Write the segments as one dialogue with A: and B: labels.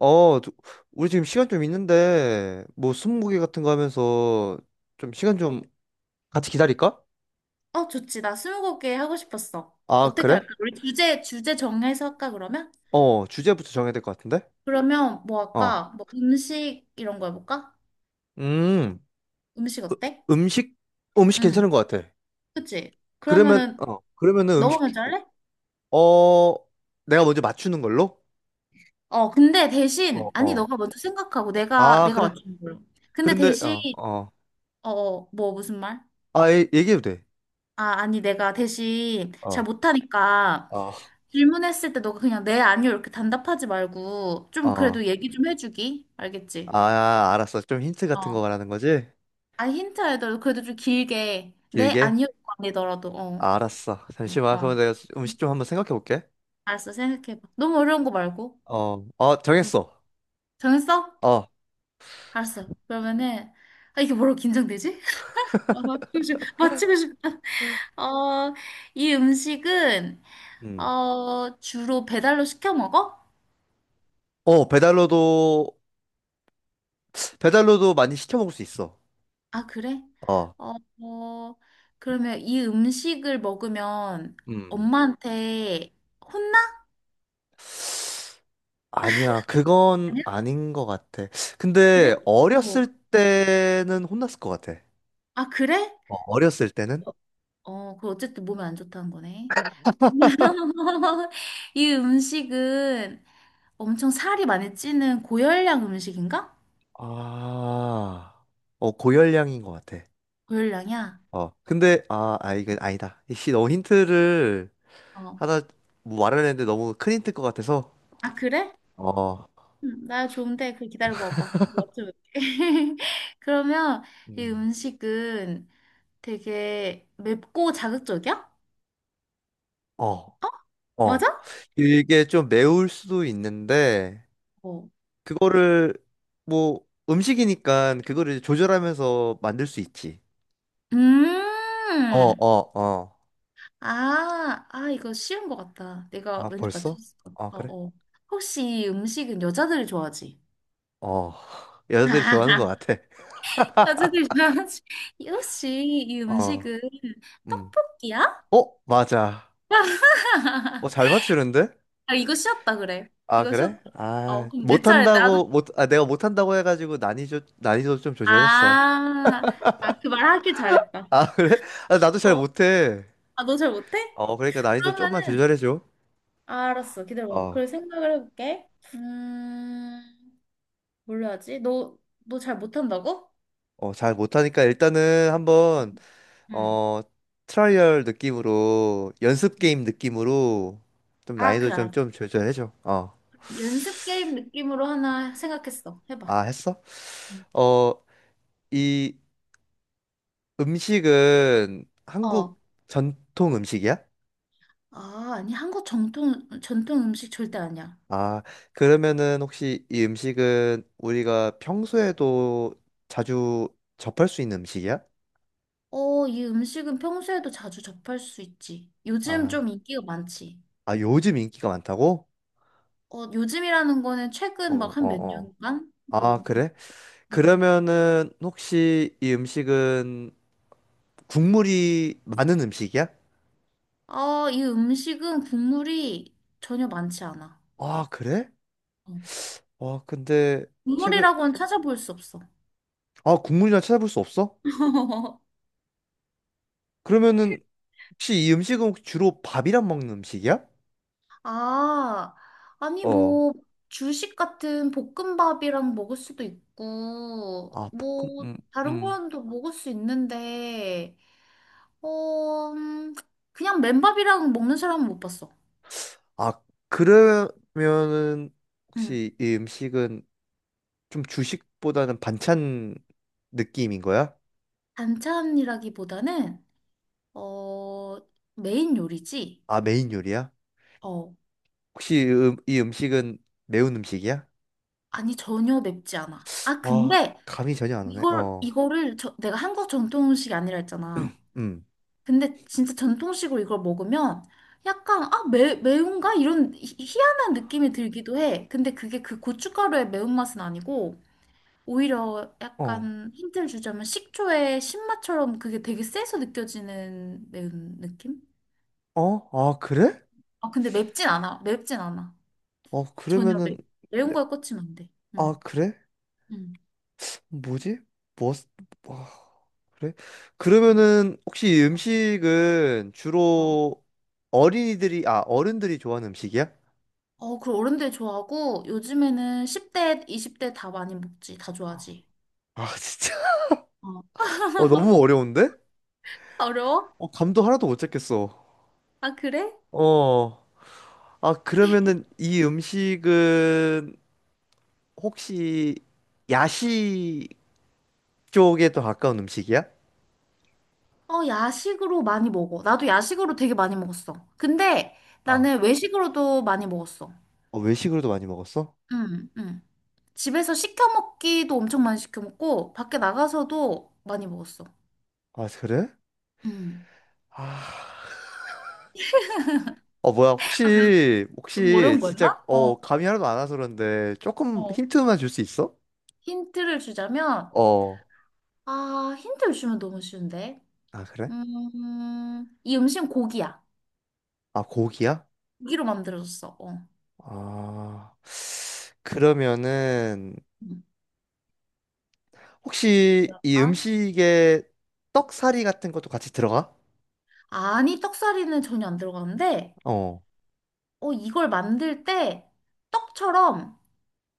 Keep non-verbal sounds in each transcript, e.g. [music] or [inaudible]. A: 어, 저- 우리 지금 시간 좀 있는데, 뭐, 스무고개 같은 거 하면서 좀 시간 좀 같이 기다릴까?
B: 어, 좋지. 나 스무고개 하고 싶었어.
A: 아,
B: 어떻게
A: 그래?
B: 할까? 그래. 우리 주제 정해서 할까, 그러면?
A: 주제부터 정해야 될 것 같은데?
B: 그러면 뭐
A: 어,
B: 할까? 뭐 음식 이런 거 해볼까?
A: 음,
B: 음식
A: 으-
B: 어때?
A: 음식? 음식
B: 응.
A: 괜찮은 것 같아.
B: 그치?
A: 그러면,
B: 그러면은,
A: 그러면은
B: 너가
A: 음식,
B: 먼저 할래?
A: 어, 내가 먼저 맞추는 걸로?
B: 어, 근데 대신,
A: 어,
B: 아니,
A: 어.
B: 너가 먼저 생각하고 내가,
A: 아,
B: 내가
A: 그래?
B: 맞추는 걸로. 근데
A: 그런데,
B: 대신,
A: 어, 어.
B: 뭐, 무슨 말?
A: 아, 얘기해도 돼.
B: 아, 아니, 내가 대신 잘
A: 어,
B: 못하니까
A: 어,
B: 질문했을 때 너가 그냥 네, 아니요 이렇게 단답하지 말고 좀
A: 어,
B: 그래도 얘기 좀 해주기. 알겠지?
A: 아, 알았어. 좀 힌트 같은 거
B: 어.
A: 말하는 거지?
B: 아, 힌트 알더라도 그래도 좀 길게. 네,
A: 길게?
B: 아니요, 아니더라도. 어.
A: 아, 알았어. 잠시만.
B: 어.
A: 그러면 내가 음식 좀 한번 생각해 볼게.
B: 알았어, 생각해봐. 너무 어려운 거 말고.
A: 어, 어,
B: 응.
A: 정했어.
B: 정했어?
A: 어,
B: 알았어. 그러면은, 아, 이게 뭐라고 긴장되지? [laughs] 아, 맞추고 싶다. 어, 이 음식은,
A: 음.
B: 주로 배달로 시켜 먹어?
A: 어, 배달로도, 배달로도 많이 시켜 먹을 수 있어.
B: 아, 그래?
A: 어,
B: 어, 어, 그러면 이 음식을 먹으면
A: 음.
B: 엄마한테 혼나?
A: 아니야. 그건
B: 아니야?
A: 아닌 것 같아.
B: 그래?
A: 근데
B: 어.
A: 어렸을 때는 혼났을 것 같아.
B: 아, 그래?
A: 어렸을 때는?
B: 그 어쨌든 몸에 안 좋다는 거네. [laughs] 이 음식은 엄청 살이 많이 찌는 고열량 음식인가?
A: 아, 고열량인 것 같아.
B: 고열량이야?
A: 근데, 아, 아, 이거 아니다. 이씨, 너무 힌트를
B: 어.
A: 하나 뭐 말하려 했는데 너무 큰 힌트일 것 같아서.
B: 아, 그래?
A: 어,
B: 나 좋은데, 그 기다려봐봐. 맞춰볼게. [laughs] 그러면 이
A: 음.
B: 음식은 되게 맵고 자극적이야?
A: 어, 어.
B: 맞아?
A: 이게 좀 매울 수도 있는데,
B: 어.
A: 그거를, 뭐, 음식이니까 그거를 조절하면서 만들 수 있지. 어,
B: 음.
A: 어, 어.
B: 아, 아, 이거 쉬운 것 같다. 내가
A: 아,
B: 왠지
A: 벌써?
B: 맞췄을 것 같아.
A: 아, 그래?
B: 어, 어. 혹시 이 음식은 여자들이 좋아하지?
A: 어. [laughs] 여자들이 좋아하는 것
B: [laughs]
A: 같아.
B: 야채드려야지 [laughs] 역시 이이
A: 어,
B: 음식은
A: 음.
B: 떡볶이야?
A: 어, 맞아. 잘 맞추는데?
B: 아 이거 쉬었다 그래
A: 아,
B: 이거
A: 그래?
B: 쉬었다
A: 아,
B: 그럼 내 차례 나도
A: 내가 못한다고 해가지고 난이도 좀 조절했어.
B: 아아 그 말 하길 잘했다
A: 아, [laughs] 그래? 아, 나도
B: 어
A: 잘
B: 아
A: 못해.
B: 너 잘 못해?
A: 그러니까 난이도 좀만
B: 그러면은
A: 조절해줘.
B: 아, 알았어 기다려봐
A: 어.
B: 그래 생각을 해볼게 음 뭘로 하지? 너 잘 못한다고?
A: 잘 못하니까 일단은 한번
B: 응.
A: 어 트라이얼 느낌으로 연습 게임 느낌으로 좀
B: 아
A: 난이도
B: 그래
A: 좀
B: 알았어
A: 좀 조절해줘. 어,
B: 연습 게임 느낌으로 하나 생각했어 해봐
A: 아 했어?
B: 응.
A: 어, 이 음식은
B: 어.
A: 한국 전통 음식이야?
B: 아, 아니, 한국 전통 음식 절대 아니야.
A: 아, 그러면은 혹시 이 음식은 우리가 평소에도 자주 접할 수 있는 음식이야?
B: 어, 이 음식은 평소에도 자주 접할 수 있지. 요즘 좀
A: 아,
B: 인기가 많지.
A: 아 요즘 인기가 많다고?
B: 어, 요즘이라는 거는
A: 어,
B: 최근 막 한
A: 어,
B: 몇
A: 어.
B: 년간?
A: 아,
B: 뭐. 음.
A: 그래?
B: 음.
A: 그러면은 혹시 이 음식은 국물이 많은 음식이야?
B: 아, 이 음식은 국물이 전혀 많지 않아.
A: 아, 그래?
B: 어.
A: 아, 근데 최근
B: 국물이라고는 찾아볼 수 없어.
A: 아, 국물이나 찾아볼 수 없어?
B: [laughs]
A: 그러면은 혹시 이 음식은 혹시 주로 밥이랑 먹는 음식이야?
B: 아, 아니
A: 어.
B: 뭐 주식 같은 볶음밥이랑 먹을 수도 있고
A: 아, 볶음
B: 뭐 다른
A: 음.
B: 거랑도 먹을 수 있는데 어 그냥 맨밥이랑 먹는 사람은 못 봤어.
A: 아, 그러면은
B: 음,
A: 혹시 이 음식은 좀 주식보다는 반찬 느낌인 거야?
B: 반찬이라기보다는 어 메인 요리지.
A: 아, 메인 요리야?
B: 어
A: 혹시 이 음식은 매운 음식이야?
B: 아니 전혀 맵지 않아. 아
A: 아,
B: 근데
A: 감이 전혀 안 오네.
B: 이걸
A: 어.
B: 이거를 내가 한국 전통 음식이 아니라 했잖아.
A: 음.
B: 근데 진짜 전통식으로 이걸 먹으면 약간 아 매운가 이런 희한한 느낌이 들기도 해. 근데 그게 그 고춧가루의 매운맛은 아니고 오히려
A: 어.
B: 약간 힌트를 주자면 식초의 신맛처럼 그게 되게 세서 느껴지는 매운 느낌?
A: 어? 아, 그래?
B: 아 근데 맵진 않아. 맵진 않아. 전혀 매,
A: 그러면은,
B: 매운
A: 네,
B: 거에 꽂히면 안 돼.
A: 아,
B: 응.
A: 그래?
B: 응.
A: 뭐지? 뭐, 와, 그래? 그러면은, 혹시 이 음식은
B: 어,
A: 주로 어른들이 좋아하는 음식이야?
B: 그리고 어른들 좋아하고 요즘에는 10대, 20대 다 많이 먹지. 다 좋아하지.
A: 아, 진짜.
B: 어.
A: [laughs] 너무
B: [laughs]
A: 어려운데?
B: 어려워?
A: 감도 하나도 못 잡겠어.
B: 아, 그래?
A: 어, 아, 그러면은 이 음식은 혹시 야식 쪽에 더 가까운 음식이야?
B: 어, 야식으로 많이 먹어. 나도 야식으로 되게 많이 먹었어. 근데
A: 아.
B: 나는 외식으로도 많이 먹었어.
A: 외식으로도 많이 먹었어?
B: 응, 응. 집에서 시켜 먹기도 엄청 많이 시켜 먹고, 밖에 나가서도 많이 먹었어.
A: 아, 그래?
B: 응.
A: 아. 뭐야,
B: 아, 그래?
A: 혹시,
B: 그럼
A: 혹시,
B: 어려운 거였나?
A: 진짜,
B: 어,
A: 감이 하나도 안 와서 그런데, 조금
B: 어.
A: 힌트만 줄 수 있어?
B: 힌트를 주자면,
A: 어,
B: 아, 힌트를 주면 너무 쉬운데.
A: 아, 그래?
B: 이 음식은 고기야.
A: 아, 고기야?
B: 고기로 만들어졌어. 어.
A: 아, 그러면은,
B: 음.
A: 혹시 이
B: 아,
A: 음식에 떡사리 같은 것도 같이 들어가?
B: 아니, 떡사리는 전혀 안 들어가는데,
A: 어,
B: 어, 이걸 만들 때 떡처럼,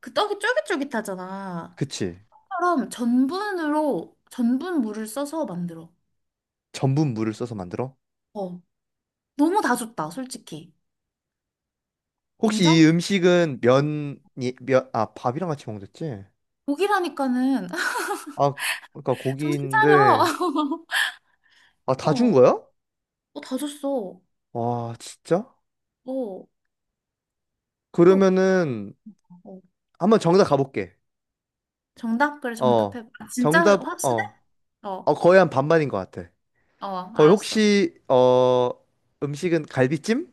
B: 그 떡이 쫄깃쫄깃하잖아.
A: 그치.
B: 떡처럼 전분 물을 써서 만들어.
A: 전분 물을 써서 만들어?
B: 어, 너무 다 줬다, 솔직히.
A: 혹시
B: 인정?
A: 이 음식은 아, 밥이랑 같이 먹었지?
B: 고기라니까는 [laughs]
A: 아, 그러니까
B: 정신 차려.
A: 고기인데,
B: [laughs]
A: 아, 다 준
B: 어,
A: 거야?
B: 다 줬어.
A: 와, 진짜?
B: 어, 또.
A: 그러면은,
B: 어.
A: 한번 정답 가볼게.
B: 정답? 그래,
A: 어,
B: 정답해봐. 아, 진짜
A: 정답,
B: 확실해? 어,
A: 거의 한 반반인 것 같아.
B: 어,
A: 거의
B: 알았어.
A: 혹시, 음식은 갈비찜?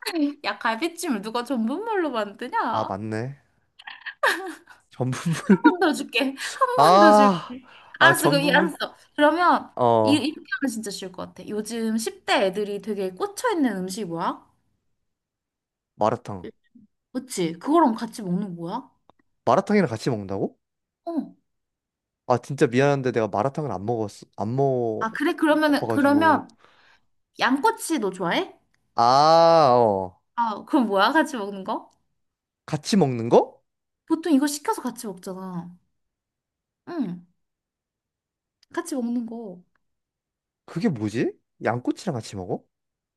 B: [laughs] 야, 갈비찜을 누가 전분물로 만드냐?
A: 아,
B: 한
A: 맞네. 전분물.
B: 번
A: [laughs]
B: 더 줄게. [laughs] 한 번 더
A: 아,
B: 줄게.
A: 아,
B: 알았어, 그럼,
A: 전분물.
B: 알았어. 그러면, 이,
A: 어,
B: 이렇게 하면 진짜 쉬울 것 같아. 요즘 10대 애들이 되게 꽂혀있는 음식이 뭐야?
A: 마라탕.
B: 그치? 그거랑 같이 먹는 거야?
A: 마라탕이랑 같이 먹는다고?
B: 어.
A: 아, 진짜 미안한데 내가 마라탕을 안 먹었어. 안
B: 아, 그래? 그러면은,
A: 먹어가지고.
B: 그러면, 양꼬치 너 좋아해?
A: 아, 어.
B: 아, 그럼 뭐야? 같이 먹는 거?
A: 같이 먹는 거?
B: 보통 이거 시켜서 같이 먹잖아. 응, 같이 먹는 거.
A: 그게 뭐지? 양꼬치랑 같이 먹어?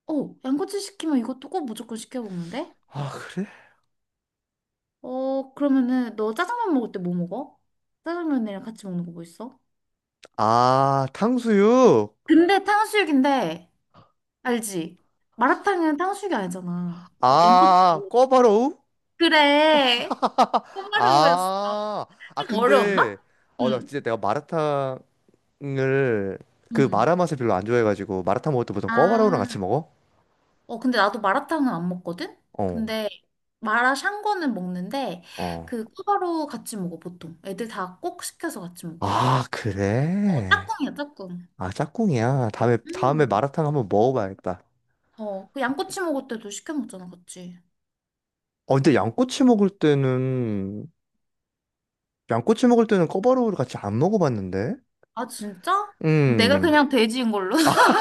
B: 어, 양꼬치 시키면 이것도 꼭 무조건 시켜 먹는데?
A: 아, 그래?
B: 어, 그러면은 너 짜장면 먹을 때 뭐 먹어? 짜장면이랑 같이 먹는 거 뭐 있어?
A: 아, 탕수육.
B: 근데 탕수육인데, 알지? 마라탕은 탕수육이 아니잖아. 어, 양꼬치.
A: 아, 꿔바로우?
B: 그래.
A: [laughs]
B: 호마루였어.
A: 아, 아,
B: 좀
A: 근데,
B: 어려웠나?
A: 나
B: 응.
A: 진짜 내가 마라탕을, 그
B: 응.
A: 마라 맛을 별로 안 좋아해가지고, 마라탕 먹을 때 보통 꿔바로우랑
B: 아,
A: 같이 먹어?
B: 어, 근데 나도 마라탕은 안 먹거든?
A: 어,
B: 근데 마라샹궈는 먹는데,
A: 어.
B: 그 꿔바로우 같이 먹어, 보통. 애들 다 꼭 시켜서 같이 먹어.
A: 아,
B: 어,
A: 그래?
B: 짝꿍이야, 짝꿍.
A: 아, 짝꿍이야. 다음에
B: 음.
A: 마라탕 한번 먹어봐야겠다.
B: 어, 그 양꼬치 먹을 때도 시켜 먹잖아, 같이.
A: 근데 양꼬치 먹을 때는 꿔바로우를 같이 안 먹어봤는데?
B: 아, 진짜? 내가
A: 음.
B: 그냥 돼지인 걸로? [laughs]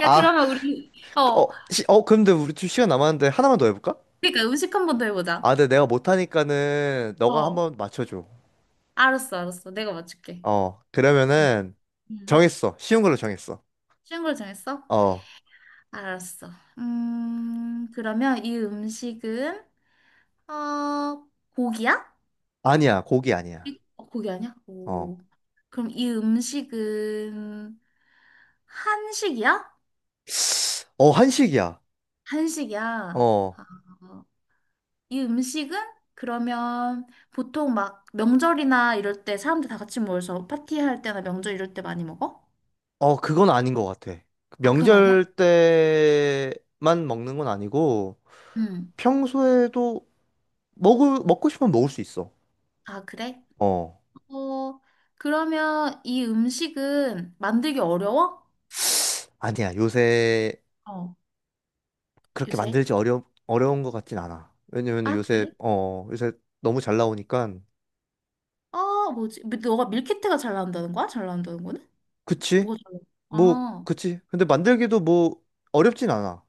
B: 야,
A: 아,
B: 그러면 우리, 어,
A: 근데 우리 좀 시간 남았는데 하나만 더 해볼까?
B: 그러니까 음식 한번 더 해보자.
A: 아, 근데 내가 못하니까는 너가
B: 어,
A: 한번 맞춰줘.
B: 알았어, 알았어. 내가 맞출게. 응,
A: 그러면은
B: 응.
A: 정했어. 쉬운 걸로 정했어.
B: 쉬운 걸 정했어?
A: 어,
B: 알았어. 그러면 이 음식은, 어, 고기야?
A: 아니야. 고기 아니야.
B: 고기 아니야?
A: 어,
B: 오. 그럼 이 음식은 한식이야?
A: 어, 한식이야.
B: 한식이야.
A: 어,
B: 아, 이 음식은 그러면 보통 막 명절이나 이럴 때 사람들 다 같이 모여서 파티할 때나 명절 이럴 때 많이 먹어?
A: 어, 그건 아닌 것 같아.
B: 아, 그건 아니야?
A: 명절 때만 먹는 건 아니고
B: 음.
A: 평소에도 먹고 싶으면 먹을 수 있어.
B: 아, 그래?
A: 어,
B: 어, 그러면 이 음식은 만들기 어려워?
A: 아니야. 요새
B: 어,
A: 그렇게 만
B: 요새?
A: 들지 어려운 것 같진 않아. 왜냐면
B: 아,
A: 요새,
B: 그래?
A: 어, 요새 너무 잘 나오니까.
B: 어, 뭐지? 근데 너가 밀키트가 잘 나온다는 거야? 잘 나온다는 거는?
A: 그치?
B: 뭐가 잘
A: 뭐,
B: 나와? 아,
A: 그치? 근데 만들기도 뭐 어렵진 않아.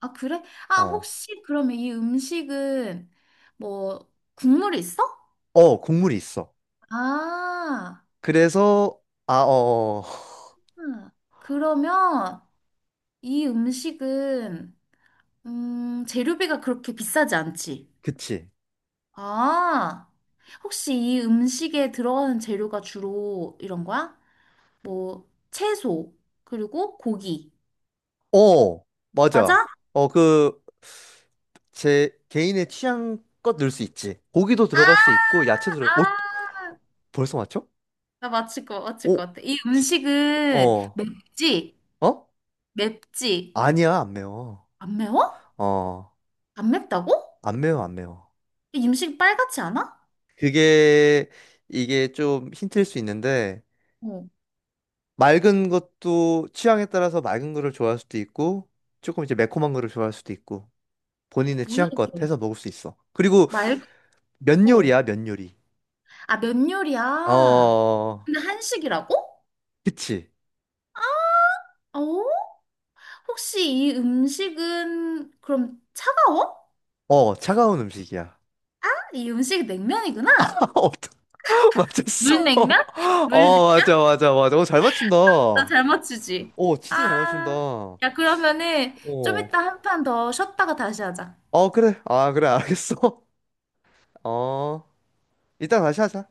B: 아, 그래? 아,
A: 어.
B: 혹시 그러면 이 음식은 뭐 국물이 있어?
A: 국물이 있어.
B: 아,
A: 그래서, 아, [laughs]
B: 음. 그러면 이 음식은, 재료비가 그렇게 비싸지 않지?
A: 그치.
B: 아, 혹시 이 음식에 들어가는 재료가 주로 이런 거야? 뭐, 채소, 그리고 고기.
A: 어,
B: 맞아?
A: 맞아. 어, 그, 제 개인의 취향껏 넣을 수 있지. 고기도
B: 아,
A: 들어갈 수 있고, 야채도
B: 아,
A: 벌써 맞죠?
B: 나 맞출 것
A: 오,
B: 같아. 이
A: 치-
B: 음식은
A: 어,
B: 맵지?
A: 어?
B: 맵지?
A: 아니야, 안 매워.
B: 안 매워?
A: 어,
B: 안 맵다고?
A: 안 매워, 안 매워.
B: 이 음식 빨갛지 않아?
A: 그게, 이게 좀 힌트일 수 있는데,
B: 어,
A: 맑은 것도 취향에 따라서 맑은 거를 좋아할 수도 있고, 조금 이제 매콤한 거를 좋아할 수도 있고. 본인의
B: 뭐야,
A: 취향껏
B: 이게?
A: 해서 먹을 수 있어. 그리고
B: 말,
A: 면
B: 어.
A: 요리야, 면 요리.
B: 아, 면 요리야.
A: 어,
B: 근데 한식이라고?
A: 그치.
B: 어? 혹시 이 음식은 그럼 차가워?
A: 차가운 음식이야.
B: 이 음식이 냉면이구나.
A: [laughs] 어떻게 맞췄어?
B: 물냉면?
A: [laughs]
B: 물냉면?
A: 어, 맞아, 맞아, 맞아. 잘 맞춘다.
B: 나 잘 맞추지.
A: 진짜
B: 아,
A: 잘 맞춘다. 어.
B: 야, 그러면은 좀 이따 한 판 더 쉬었다가 다시 하자.
A: 어, 그래. 아, 그래, 알겠어. [laughs] 어, 이따 다시 하자.